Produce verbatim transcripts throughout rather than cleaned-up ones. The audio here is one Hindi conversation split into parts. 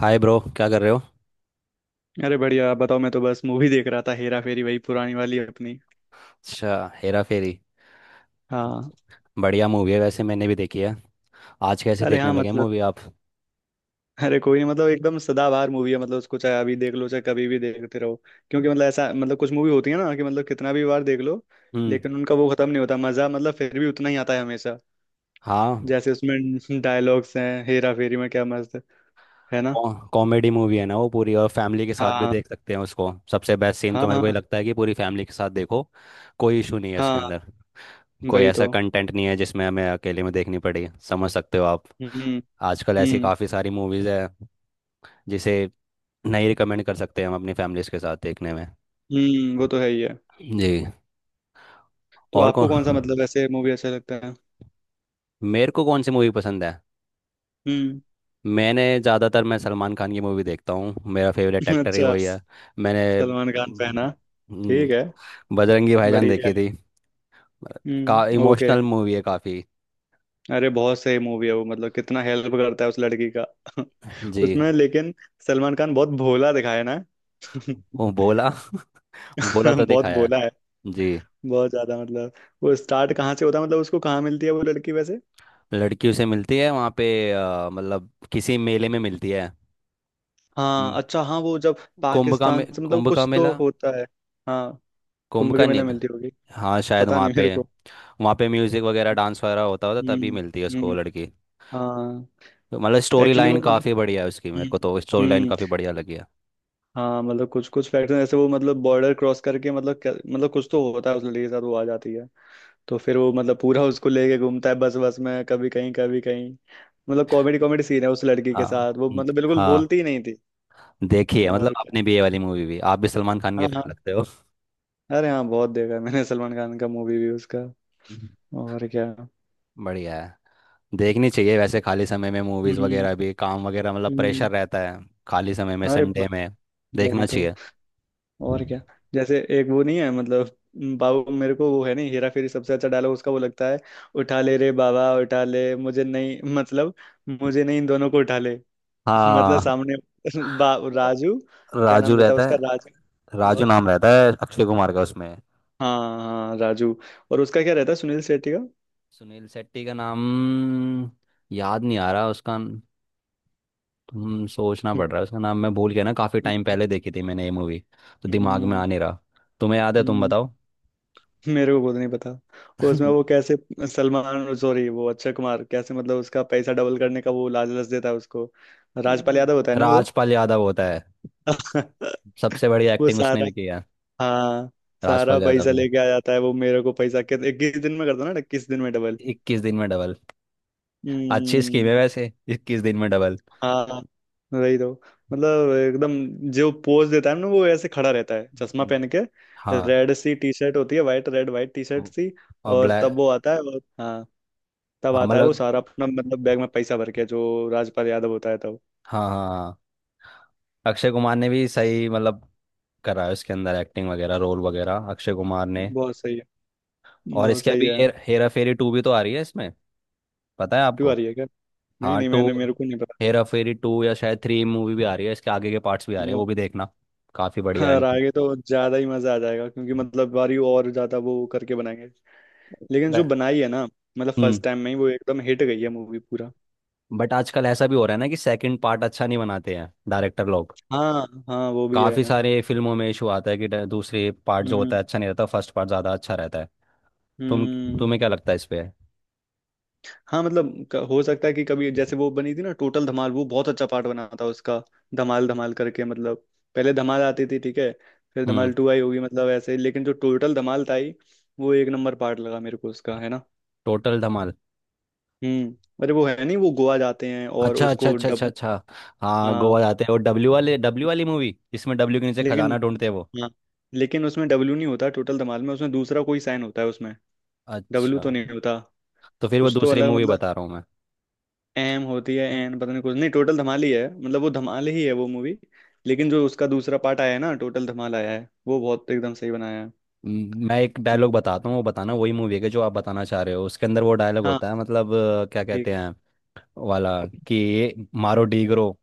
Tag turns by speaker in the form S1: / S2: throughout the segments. S1: हाय ब्रो, क्या कर रहे हो?
S2: अरे बढ़िया। आप बताओ। मैं तो बस मूवी देख रहा था, हेरा फेरी, वही पुरानी वाली अपनी।
S1: अच्छा। हेरा फेरी।
S2: हाँ।
S1: बढ़िया मूवी है वैसे, मैंने भी देखी है। आज कैसे
S2: अरे
S1: देखने
S2: हाँ,
S1: लगे
S2: मतलब।
S1: मूवी आप?
S2: अरे कोई नहीं, मतलब एकदम सदाबहार मूवी है। मतलब उसको चाहे अभी देख लो, चाहे कभी भी देखते रहो। क्योंकि मतलब ऐसा, मतलब कुछ मूवी होती है ना कि मतलब कितना भी बार देख लो।
S1: हम्म।
S2: लेकिन उनका वो खत्म नहीं होता मजा, मतलब फिर भी उतना ही आता है हमेशा।
S1: हाँ।
S2: जैसे उसमें डायलॉग्स हैं हेरा फेरी में, क्या मस्त। है ना।
S1: कॉमेडी मूवी है ना वो पूरी, और फैमिली के साथ भी
S2: हाँ,
S1: देख सकते हैं उसको। सबसे बेस्ट सीन
S2: हाँ।
S1: तो मेरे को ये
S2: हाँ,
S1: लगता है कि पूरी फैमिली के साथ देखो। कोई इशू नहीं है इसके
S2: हाँ।
S1: अंदर। कोई
S2: वही तो।
S1: ऐसा कंटेंट नहीं है जिसमें हमें अकेले में देखनी पड़े, समझ सकते हो आप?
S2: हम्म,
S1: आजकल ऐसी
S2: हम्म,
S1: काफ़ी सारी मूवीज़ है जिसे नहीं रिकमेंड कर सकते हम अपनी फैमिलीज के साथ देखने में।
S2: हम्म। वो तो है ही है।
S1: जी।
S2: तो
S1: और
S2: आपको
S1: कौन,
S2: कौन सा, मतलब, ऐसे मूवी अच्छा लगता है?
S1: मेरे को कौन सी मूवी पसंद है?
S2: हम्म।
S1: मैंने ज़्यादातर मैं सलमान खान की मूवी देखता हूँ, मेरा फेवरेट एक्टर ही
S2: अच्छा।
S1: वही है। मैंने
S2: सलमान खान फैन, हाँ।
S1: हम्म,
S2: ठीक है।
S1: बजरंगी भाईजान
S2: बढ़िया
S1: देखी
S2: है।
S1: थी। का
S2: हम्म, ओके।
S1: इमोशनल मूवी है काफ़ी।
S2: अरे बहुत सही मूवी है वो। मतलब कितना हेल्प करता है उस लड़की का।
S1: जी।
S2: उसमें लेकिन। सलमान खान बहुत भोला दिखाया ना।
S1: वो बोला बोला तो
S2: बहुत
S1: दिखाया है।
S2: भोला है।
S1: जी।
S2: बहुत ज्यादा मतलब। वो स्टार्ट कहाँ से होता है? मतलब उसको कहाँ मिलती है वो लड़की, वैसे?
S1: लड़कियों से मिलती है वहाँ पे। अ, मतलब किसी मेले में मिलती है।
S2: हाँ
S1: हम्म,
S2: अच्छा, हाँ वो जब
S1: कुंभ का मे,
S2: पाकिस्तान से, मतलब
S1: कुंभ का
S2: कुछ तो
S1: मेला।
S2: होता है। हाँ।
S1: कुंभ
S2: कुंभ
S1: का
S2: के मेले
S1: निध।
S2: मिलती होगी।
S1: हाँ शायद
S2: पता
S1: वहाँ
S2: नहीं
S1: पे।
S2: मेरे को।
S1: वहाँ पे म्यूजिक वगैरह डांस वगैरह होता होता तभी मिलती है
S2: हम्म,
S1: उसको वो
S2: हम्म,
S1: लड़की।
S2: हाँ।
S1: तो मतलब स्टोरी
S2: एक्चुअली वो
S1: लाइन
S2: मतलब।
S1: काफी बढ़िया है उसकी, मेरे को
S2: हम्म,
S1: तो स्टोरी लाइन
S2: हम्म।
S1: काफी बढ़िया लगी है।
S2: हाँ, मतलब कुछ कुछ फैक्टर ऐसे वो, मतलब बॉर्डर क्रॉस करके मतलब क्या- मतलब कुछ तो होता है उस लड़की के साथ, वो आ जाती है। तो फिर वो मतलब पूरा उसको लेके घूमता है, बस बस में, कभी कहीं कभी कहीं। मतलब कॉमेडी कॉमेडी सीन है उस लड़की के
S1: हाँ।
S2: साथ, वो
S1: हम्म,
S2: मतलब बिल्कुल
S1: हाँ।
S2: बोलती ही नहीं थी।
S1: देखिए, मतलब
S2: और क्या।
S1: आपने भी ये वाली मूवी भी, आप भी सलमान खान के
S2: हाँ,
S1: फैन
S2: हाँ।
S1: लगते हो।
S2: अरे हाँ, बहुत देखा है मैंने। सलमान खान का मूवी भी उसका।
S1: हम्म।
S2: और क्या।
S1: बढ़िया है। देखनी चाहिए वैसे खाली समय में मूवीज
S2: हम्म,
S1: वगैरह भी, काम वगैरह मतलब
S2: हम्म।
S1: प्रेशर रहता है। खाली समय में
S2: अरे
S1: संडे
S2: बहुत-
S1: में
S2: वही
S1: देखना
S2: तो।
S1: चाहिए।
S2: और क्या। जैसे एक वो नहीं है मतलब। बाबू, मेरे को वो है नहीं? हेरा फेरी सबसे अच्छा डायलॉग उसका वो लगता है। उठा ले रे बाबा, उठा ले, मुझे नहीं। मतलब। मुझे नहीं, इन दोनों को उठा ले। मतलब
S1: हाँ
S2: सामने। बा राजू। क्या नाम
S1: राजू
S2: रहता है
S1: रहता
S2: उसका?
S1: है।
S2: राजू,
S1: राजू
S2: और?
S1: नाम रहता है अक्षय कुमार का उसमें।
S2: हाँ हाँ, राजू। और उसका क्या रहता है सुनील शेट्टी का?
S1: सुनील शेट्टी का नाम याद नहीं आ रहा उसका। हम्म सोचना पड़ रहा है उसका नाम, मैं भूल गया ना, काफी टाइम
S2: हम्म,
S1: पहले देखी थी मैंने ये मूवी। तो दिमाग में आ
S2: हम्म,
S1: नहीं रहा। तुम्हें याद है? तुम
S2: हम्म।
S1: बताओ।
S2: मेरे को खुद नहीं पता। उसमें वो कैसे। सलमान, सॉरी, वो अक्षय कुमार कैसे मतलब उसका पैसा डबल करने का वो लालच देता है उसको। राजपाल यादव होता है ना।
S1: राजपाल यादव होता है। सबसे बड़ी
S2: वो
S1: एक्टिंग उसने
S2: सारा।
S1: भी किया है,
S2: हाँ। सारा
S1: राजपाल यादव
S2: पैसा
S1: ने।
S2: लेके आ जाता है वो मेरे को। पैसा कित- इक्कीस दिन में कर दो ना, इक्कीस दिन में डबल।
S1: इक्कीस दिन में डबल। अच्छी स्कीम
S2: हम्म।
S1: है वैसे, इक्कीस दिन में डबल।
S2: हाँ। वही तो। मतलब एकदम। जो पोज देता है ना, वो ऐसे खड़ा रहता है चश्मा
S1: हम्म।
S2: पहन के।
S1: हाँ।
S2: रेड सी टी शर्ट होती है, white, red white T shirt
S1: वो-
S2: सी।
S1: और
S2: और तब
S1: ब्लैक।
S2: वो आता है, और हाँ। तब
S1: हाँ
S2: आता है वो
S1: मतलब।
S2: सारा अपना, मतलब बैग में पैसा भर के जो राजपाल यादव होता है तब।
S1: हाँ हाँ हाँ। अक्षय कुमार ने भी सही मतलब करा है उसके अंदर, एक्टिंग वगैरह रोल वगैरह अक्षय कुमार ने।
S2: बहुत सही है।
S1: और
S2: बहुत
S1: इसके
S2: सही
S1: अभी
S2: है।
S1: हेर, हेरा फेरी टू भी तो आ रही है इसमें, पता है
S2: तू
S1: आपको?
S2: आ रही है क्या? नहीं,
S1: हाँ
S2: नहीं,
S1: टू।
S2: मैंने मेरे को नहीं
S1: हेरा फेरी टू या शायद थ्री मूवी भी आ रही है, इसके आगे के पार्ट्स भी आ रहे हैं,
S2: पता।
S1: वो भी देखना। काफी बढ़िया है
S2: हाँ,
S1: इनकी।
S2: रागे तो ज्यादा ही मजा आ जाएगा क्योंकि मतलब बारी और ज्यादा वो करके बनाएंगे। लेकिन जो
S1: ब-
S2: बनाई है ना। मतलब
S1: हम्म।
S2: फर्स्ट टाइम में ही वो एकदम हिट गई है मूवी पूरा।
S1: बट आजकल ऐसा भी हो रहा है ना कि सेकंड पार्ट अच्छा नहीं बनाते हैं डायरेक्टर लोग।
S2: हाँ हाँ, वो भी
S1: काफी
S2: है।
S1: सारे फिल्मों में इशू आता है कि ड- दूसरे पार्ट जो होता
S2: हम्म,
S1: है अच्छा नहीं रहता, फर्स्ट पार्ट ज्यादा अच्छा रहता है। तुम
S2: हम्म।
S1: तुम्हें क्या लगता है इस पे?
S2: हाँ, मतलब क- हो सकता है कि कभी जैसे वो बनी थी ना टोटल धमाल, वो बहुत अच्छा पार्ट बना था उसका। धमाल धमाल करके मतलब। पहले धमाल आती थी, ठीक है। फिर
S1: हम्म।
S2: धमाल टू आई होगी, मतलब ऐसे ही। लेकिन जो टोटल धमाल था ही। वो एक नंबर पार्ट लगा मेरे को उसका, है ना।
S1: टोटल धमाल।
S2: हम्म, अरे वो है नहीं, वो गोवा जाते हैं और
S1: अच्छा अच्छा
S2: उसको
S1: अच्छा अच्छा
S2: डबल।
S1: अच्छा। हाँ
S2: हाँ।
S1: गोवा जाते हैं वो, डब्ल्यू वाले, डब्ल्यू वाली मूवी जिसमें डब्ल्यू के नीचे
S2: लेकिन।
S1: खजाना ढूंढते हैं वो।
S2: हाँ लेकिन उसमें डब्ल्यू नहीं होता, टोटल धमाल में उसमें दूसरा कोई साइन होता है उसमें। डब्ल्यू
S1: अच्छा।
S2: तो नहीं होता।
S1: तो फिर वो
S2: कुछ तो
S1: दूसरी
S2: अलग
S1: मूवी
S2: मतलब।
S1: बता रहा हूँ मैं।
S2: एम होती है एन, पता नहीं, कुछ नहीं। टोटल धमाल ही है, मतलब वो धमाल ही है वो मूवी। लेकिन जो उसका दूसरा पार्ट आया है ना, टोटल धमाल आया है, वो बहुत एकदम सही बनाया है।
S1: म, मैं एक डायलॉग बताता हूँ, वो बताना वही मूवी के जो आप बताना चाह रहे हो, उसके अंदर वो डायलॉग
S2: हाँ।
S1: होता है मतलब अ, क्या
S2: ठीक
S1: कहते
S2: है।
S1: हैं वाला, कि ये मारो डीगरो,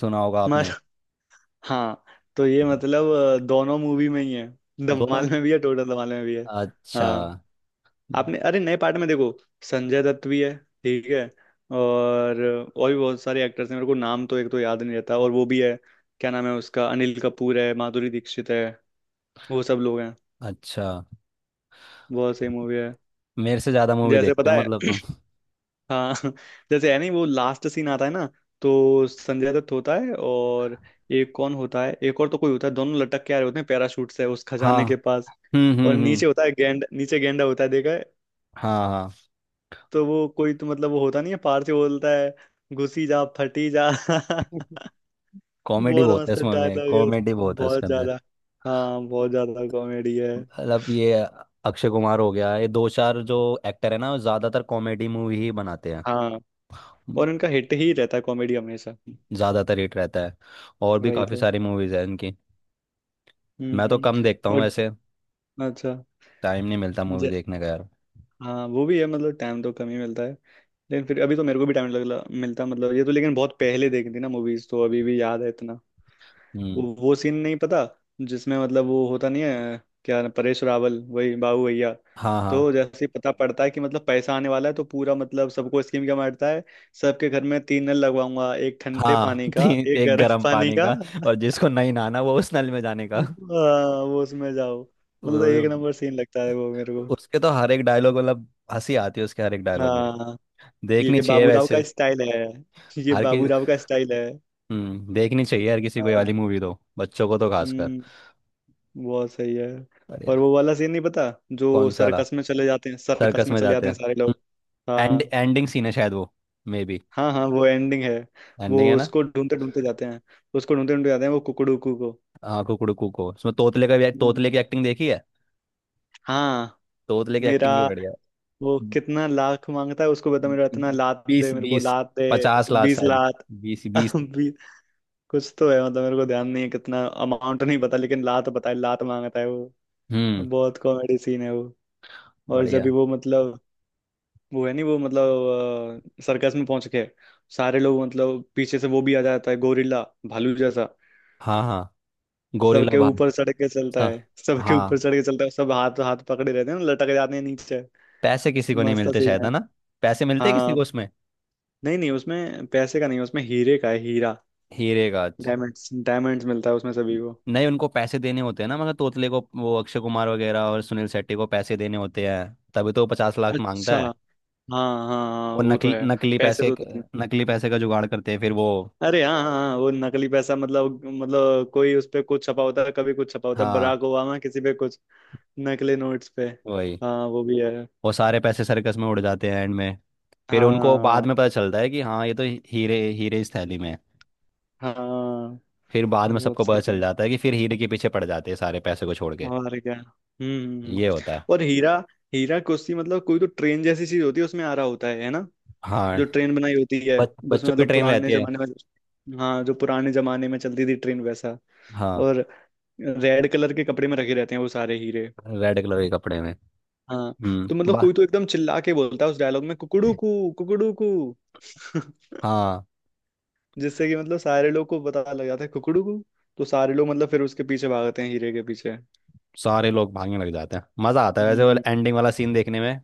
S1: सुना होगा
S2: मस
S1: आपने?
S2: हाँ तो ये मतलब अ, दोनों मूवी में ही है।
S1: दोनों।
S2: धमाल में भी है, टोटल धमाल में भी है।
S1: अच्छा।
S2: हाँ। आपने, अरे, नए पार्ट में देखो। संजय दत्त भी है। ठीक है। और। और भी बहुत सारे एक्टर्स हैं, मेरे को नाम तो एक तो याद नहीं रहता, और वो भी है। क्या नाम है उसका? अनिल कपूर है, माधुरी दीक्षित है। वो सब लोग हैं।
S1: अच्छा
S2: बहुत सही मूवी है।
S1: मेरे से ज्यादा मूवी
S2: जैसे
S1: देखते
S2: पता
S1: हो
S2: है।
S1: मतलब तुम।
S2: हाँ। जैसे है नहीं वो लास्ट सीन आता है ना। तो संजय दत्त होता है और। एक कौन होता है, एक और तो कोई होता है, दोनों लटक के आ रहे होते हैं पैराशूट से उस
S1: हाँ।
S2: खजाने के पास।
S1: हम्म हम्म
S2: और
S1: हम्म।
S2: नीचे होता है गेंड नीचे गेंडा होता है, देखा।
S1: हाँ हाँ।
S2: तो वो कोई तो मतलब वो होता नहीं है, पार से बोलता है। घुसी जा फटी जा।
S1: कॉमेडी
S2: बहुत
S1: बहुत है
S2: मस्त
S1: इसमें, में
S2: डायलॉग है उस-
S1: कॉमेडी बहुत है
S2: बहुत
S1: उसके अंदर।
S2: ज्यादा। हाँ बहुत ज्यादा कॉमेडी है।
S1: मतलब ये अक्षय कुमार हो गया, ये दो चार जो एक्टर है ना वो ज्यादातर कॉमेडी मूवी ही बनाते हैं।
S2: हाँ। और उनका हिट ही रहता है कॉमेडी हमेशा।
S1: ज्यादातर हिट रहता है। और भी
S2: वही
S1: काफी
S2: तो।
S1: सारी मूवीज है इनकी। मैं तो
S2: हम्म।
S1: कम देखता हूँ
S2: और।
S1: वैसे।
S2: अच्छा।
S1: टाइम नहीं मिलता मूवी
S2: ज-
S1: देखने का यार।
S2: हाँ, वो भी है, मतलब टाइम तो कम ही मिलता है। लेकिन फिर अभी तो मेरे को भी टाइम लगला मिलता, मतलब ये तो। लेकिन बहुत पहले देखी थी ना मूवीज, तो अभी भी याद है इतना। वो
S1: हम्म।
S2: वो सीन नहीं पता। जिसमें मतलब वो होता नहीं है क्या, परेश रावल, वही बाबू भैया।
S1: हाँ हाँ
S2: तो जैसे ही पता पड़ता है कि मतलब पैसा आने वाला है, तो पूरा, मतलब सबको स्कीम क्या मारता है। सबके घर में तीन नल लगवाऊंगा, एक ठंडे
S1: हाँ।
S2: पानी
S1: तो
S2: का,
S1: ये- तो
S2: एक
S1: एक
S2: गर्म
S1: गर्म
S2: पानी
S1: पानी
S2: का।
S1: का, और जिसको नहीं नहाना वो उस नल में जाने का।
S2: हाँ, वो उसमें जाओ। मतलब
S1: वो
S2: एक नंबर
S1: भी-
S2: सीन लगता है वो मेरे को।
S1: उसके तो हर एक डायलॉग मतलब हंसी आती है, उसके हर एक डायलॉग में।
S2: हाँ।
S1: देखनी
S2: ये
S1: चाहिए
S2: बाबू राव
S1: वैसे।
S2: का स्टाइल है। ये
S1: हर
S2: बाबू
S1: की।
S2: राव का स्टाइल है।
S1: हम्म देखनी चाहिए हर किसी को ये
S2: हाँ,
S1: वाली मूवी, तो बच्चों को तो खासकर।
S2: हम्म। बहुत सही है। और वो वाला सीन नहीं पता। जो
S1: कौन सा वाला?
S2: सर्कस में चले जाते हैं, सर्कस
S1: सर्कस
S2: में
S1: में
S2: चले
S1: जाते
S2: जाते हैं सारे
S1: हैं?
S2: लोग।
S1: एंड
S2: हाँ।
S1: एंडिंग सीन है शायद वो, मे बी।
S2: हाँ हाँ, वो एंडिंग है। वो
S1: एंडिंग है ना?
S2: उसको ढूंढते ढूंढते जाते हैं। उसको ढूंढते ढूंढते जाते हैं वो कुकड़ू को।
S1: हाँ कुकड़ू कुको, उसमें तोतले का भी,
S2: हम्म,
S1: तोतले की एक्टिंग देखी है।
S2: हाँ।
S1: तोतले की
S2: मेरा।
S1: एक्टिंग भी बढ़िया।
S2: वो
S1: है।
S2: कितना लाख मांगता है? उसको बता मेरा इतना लात दे
S1: बीस
S2: मेरे को,
S1: बीस,
S2: लात दे।
S1: पचास लाख
S2: बीस
S1: शायद।
S2: लाख
S1: बीस बीस।
S2: भी। कुछ तो है मतलब, मेरे को ध्यान नहीं है कितना अमाउंट नहीं पता, लेकिन लात पता है, लात मांगता है वो।
S1: हम्म।
S2: बहुत कॉमेडी सीन है वो। और जब भी
S1: बढ़िया।
S2: वो मतलब। वो है नहीं वो, मतलब सर्कस में पहुंच के। सारे लोग, मतलब पीछे से वो भी आ जाता है गोरिल्ला। भालू जैसा।
S1: हाँ हाँ, गोरिल्ला
S2: सबके
S1: भाग।
S2: ऊपर चढ़ के चलता
S1: सा-
S2: है। सबके ऊपर
S1: हाँ।
S2: चढ़ के चलता है, सब हाथ हाथ पकड़े रहते हैं ना, लटक जाते हैं नीचे।
S1: पैसे किसी को नहीं
S2: मस्त
S1: मिलते
S2: सीन
S1: शायद,
S2: है।
S1: है ना? पैसे मिलते हैं किसी
S2: हाँ।
S1: को उसमें?
S2: नहीं नहीं, उसमें पैसे का नहीं, उसमें हीरे का है हीरा।
S1: हीरे गाज।
S2: डायमंड्स डायमंड्स मिलता है उसमें सभी को।
S1: नहीं, उनको पैसे देने होते हैं ना, मगर तोतले को, वो अक्षय कुमार वगैरह और सुनील शेट्टी को पैसे देने होते हैं, तभी तो वो पचास लाख
S2: अच्छा।
S1: मांगता है।
S2: हाँ हाँ हाँ,
S1: वो
S2: वो तो
S1: नकली
S2: है।
S1: नकली
S2: पैसे
S1: पैसे।
S2: तो देने-
S1: नकली पैसे का जुगाड़ करते हैं फिर वो।
S2: अरे हाँ हाँ हाँ, वो नकली पैसा, मतलब मतलब कोई उस पे कुछ छपा होता है, कभी कुछ छपा होता है
S1: हाँ
S2: बराक ओबामा किसी पे कुछ। नकली नोट्स पे।
S1: वही।
S2: हाँ, वो भी है।
S1: वो सारे पैसे सर्कस में उड़ जाते हैं एंड में। फिर उनको बाद
S2: हाँ
S1: में पता चलता है कि हाँ, ये तो ही- हीरे हीरे इस थैली में है।
S2: हाँ।
S1: फिर बाद में
S2: बहुत
S1: सबको पता
S2: सही
S1: चल
S2: सीन।
S1: जाता है कि फिर हीरे के पीछे पड़ जाते हैं सारे, पैसे को छोड़ के।
S2: और क्या। हम्म, हम्म, हम्म।
S1: ये होता है।
S2: और हीरा। हीरा कुश्ती, मतलब कोई तो ट्रेन जैसी चीज होती है, उसमें आ रहा होता है है ना।
S1: हाँ,
S2: जो ट्रेन बनाई होती है।
S1: बच,
S2: उसमें
S1: बच्चों की
S2: मतलब
S1: ट्रेन
S2: पुराने
S1: रहती है।
S2: जमाने में, हाँ, जो पुराने जमाने में चलती थी ट्रेन वैसा।
S1: हाँ,
S2: और। रेड कलर के कपड़े में रखे रहते हैं वो सारे हीरे।
S1: रेड कलर के कपड़े में।
S2: हाँ। तो
S1: हम्म
S2: मतलब
S1: बा।
S2: कोई तो एकदम चिल्ला के बोलता है उस डायलॉग में, कुकड़ू कू कुकड़ू कू।
S1: हाँ।
S2: जिससे कि मतलब सारे लोग को पता लग जाता है कुकड़ू को। तो सारे लोग मतलब फिर उसके पीछे भागते हैं हीरे के पीछे।
S1: सारे लोग भागने लग जाते हैं, मज़ा आता है वैसे वो
S2: हम्म।
S1: एंडिंग वाला सीन देखने में।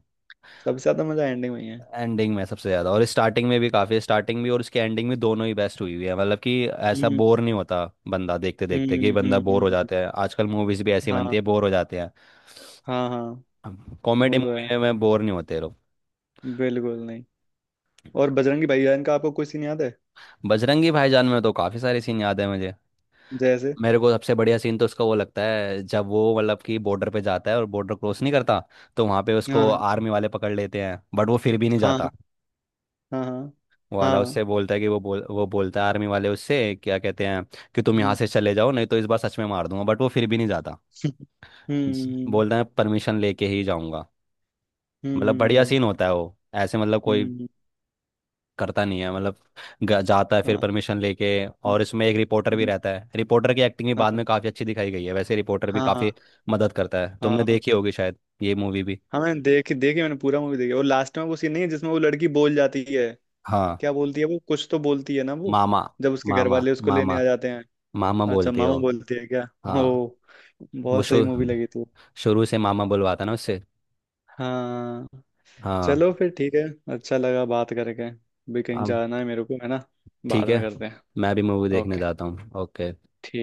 S2: सबसे ज्यादा मजा एंडिंग में ही है।
S1: एंडिंग में सबसे ज़्यादा, और स्टार्टिंग में भी काफ़ी, स्टार्टिंग भी और इसकी एंडिंग भी दोनों ही बेस्ट हुई हुई है, मतलब कि ऐसा
S2: हम्म,
S1: बोर नहीं होता बंदा देखते देखते, कि
S2: हम्म,
S1: बंदा
S2: हम्म,
S1: बोर हो
S2: हम्म,
S1: जाता है। आजकल मूवीज़ भी ऐसी बनती
S2: हाँ।
S1: है, बोर हो जाते हैं।
S2: हाँ हाँ,
S1: कॉमेडी
S2: वो तो है।
S1: मूवी में बोर नहीं होते लोग।
S2: बिल्कुल नहीं। और बजरंगी भाईजान का आपको कोई सीन याद है?
S1: बजरंगी भाईजान में तो काफ़ी सारे सीन याद है मुझे।
S2: जैसे।
S1: मेरे को सबसे बढ़िया सीन तो उसका वो लगता है जब वो मतलब कि बॉर्डर पे जाता है और बॉर्डर क्रॉस नहीं करता, तो वहाँ पे उसको
S2: हाँ
S1: आर्मी वाले पकड़ लेते हैं, बट वो फिर भी नहीं
S2: हाँ
S1: जाता।
S2: हाँ हाँ
S1: वाला
S2: हाँ।
S1: उससे बोलता है कि वो बोल वो बोलता है, आर्मी वाले उससे क्या कहते हैं, कि तुम यहाँ
S2: हम्म,
S1: से चले जाओ नहीं तो इस बार सच में मार दूंगा, बट वो फिर भी नहीं जाता। जी।
S2: हम्म,
S1: बोलता है परमिशन लेके ही जाऊंगा। मतलब बढ़िया
S2: हम्म,
S1: सीन होता है वो, ऐसे मतलब कोई
S2: हम्म।
S1: करता नहीं है मतलब, ग- जाता है फिर
S2: हाँ,
S1: परमिशन लेके। और इसमें एक रिपोर्टर भी
S2: हम्म,
S1: रहता है, रिपोर्टर की एक्टिंग भी
S2: हाँ
S1: बाद में काफ़ी अच्छी दिखाई गई है वैसे, रिपोर्टर भी
S2: हाँ
S1: काफ़ी
S2: हाँ।
S1: मदद करता है। तुमने
S2: हाँ
S1: देखी होगी शायद ये मूवी भी।
S2: हाँ मैंने देखी, देखी मैंने पूरा मूवी देखी। और लास्ट में वो सीन नहीं है जिसमें वो लड़की बोल जाती है।
S1: हाँ
S2: क्या बोलती है वो? कुछ तो बोलती है ना वो।
S1: मामा।
S2: जब उसके घर
S1: मामा
S2: वाले उसको लेने
S1: मामा।
S2: आ जाते हैं।
S1: मामा
S2: अच्छा,
S1: बोलते
S2: मामा
S1: हो?
S2: बोलती है क्या?
S1: हाँ।
S2: ओ।
S1: वो
S2: बहुत सही
S1: शु,
S2: मूवी लगी थी।
S1: शुरू से मामा बुलवाता ना उससे।
S2: हाँ।
S1: हाँ।
S2: चलो फिर ठीक है। अच्छा लगा बात करके। भी कहीं
S1: अब
S2: जाना है मेरे को, है ना। बाद
S1: ठीक
S2: में
S1: है।
S2: करते हैं।
S1: मैं भी मूवी देखने
S2: ओके।
S1: जाता हूँ। ओके।
S2: ठीक।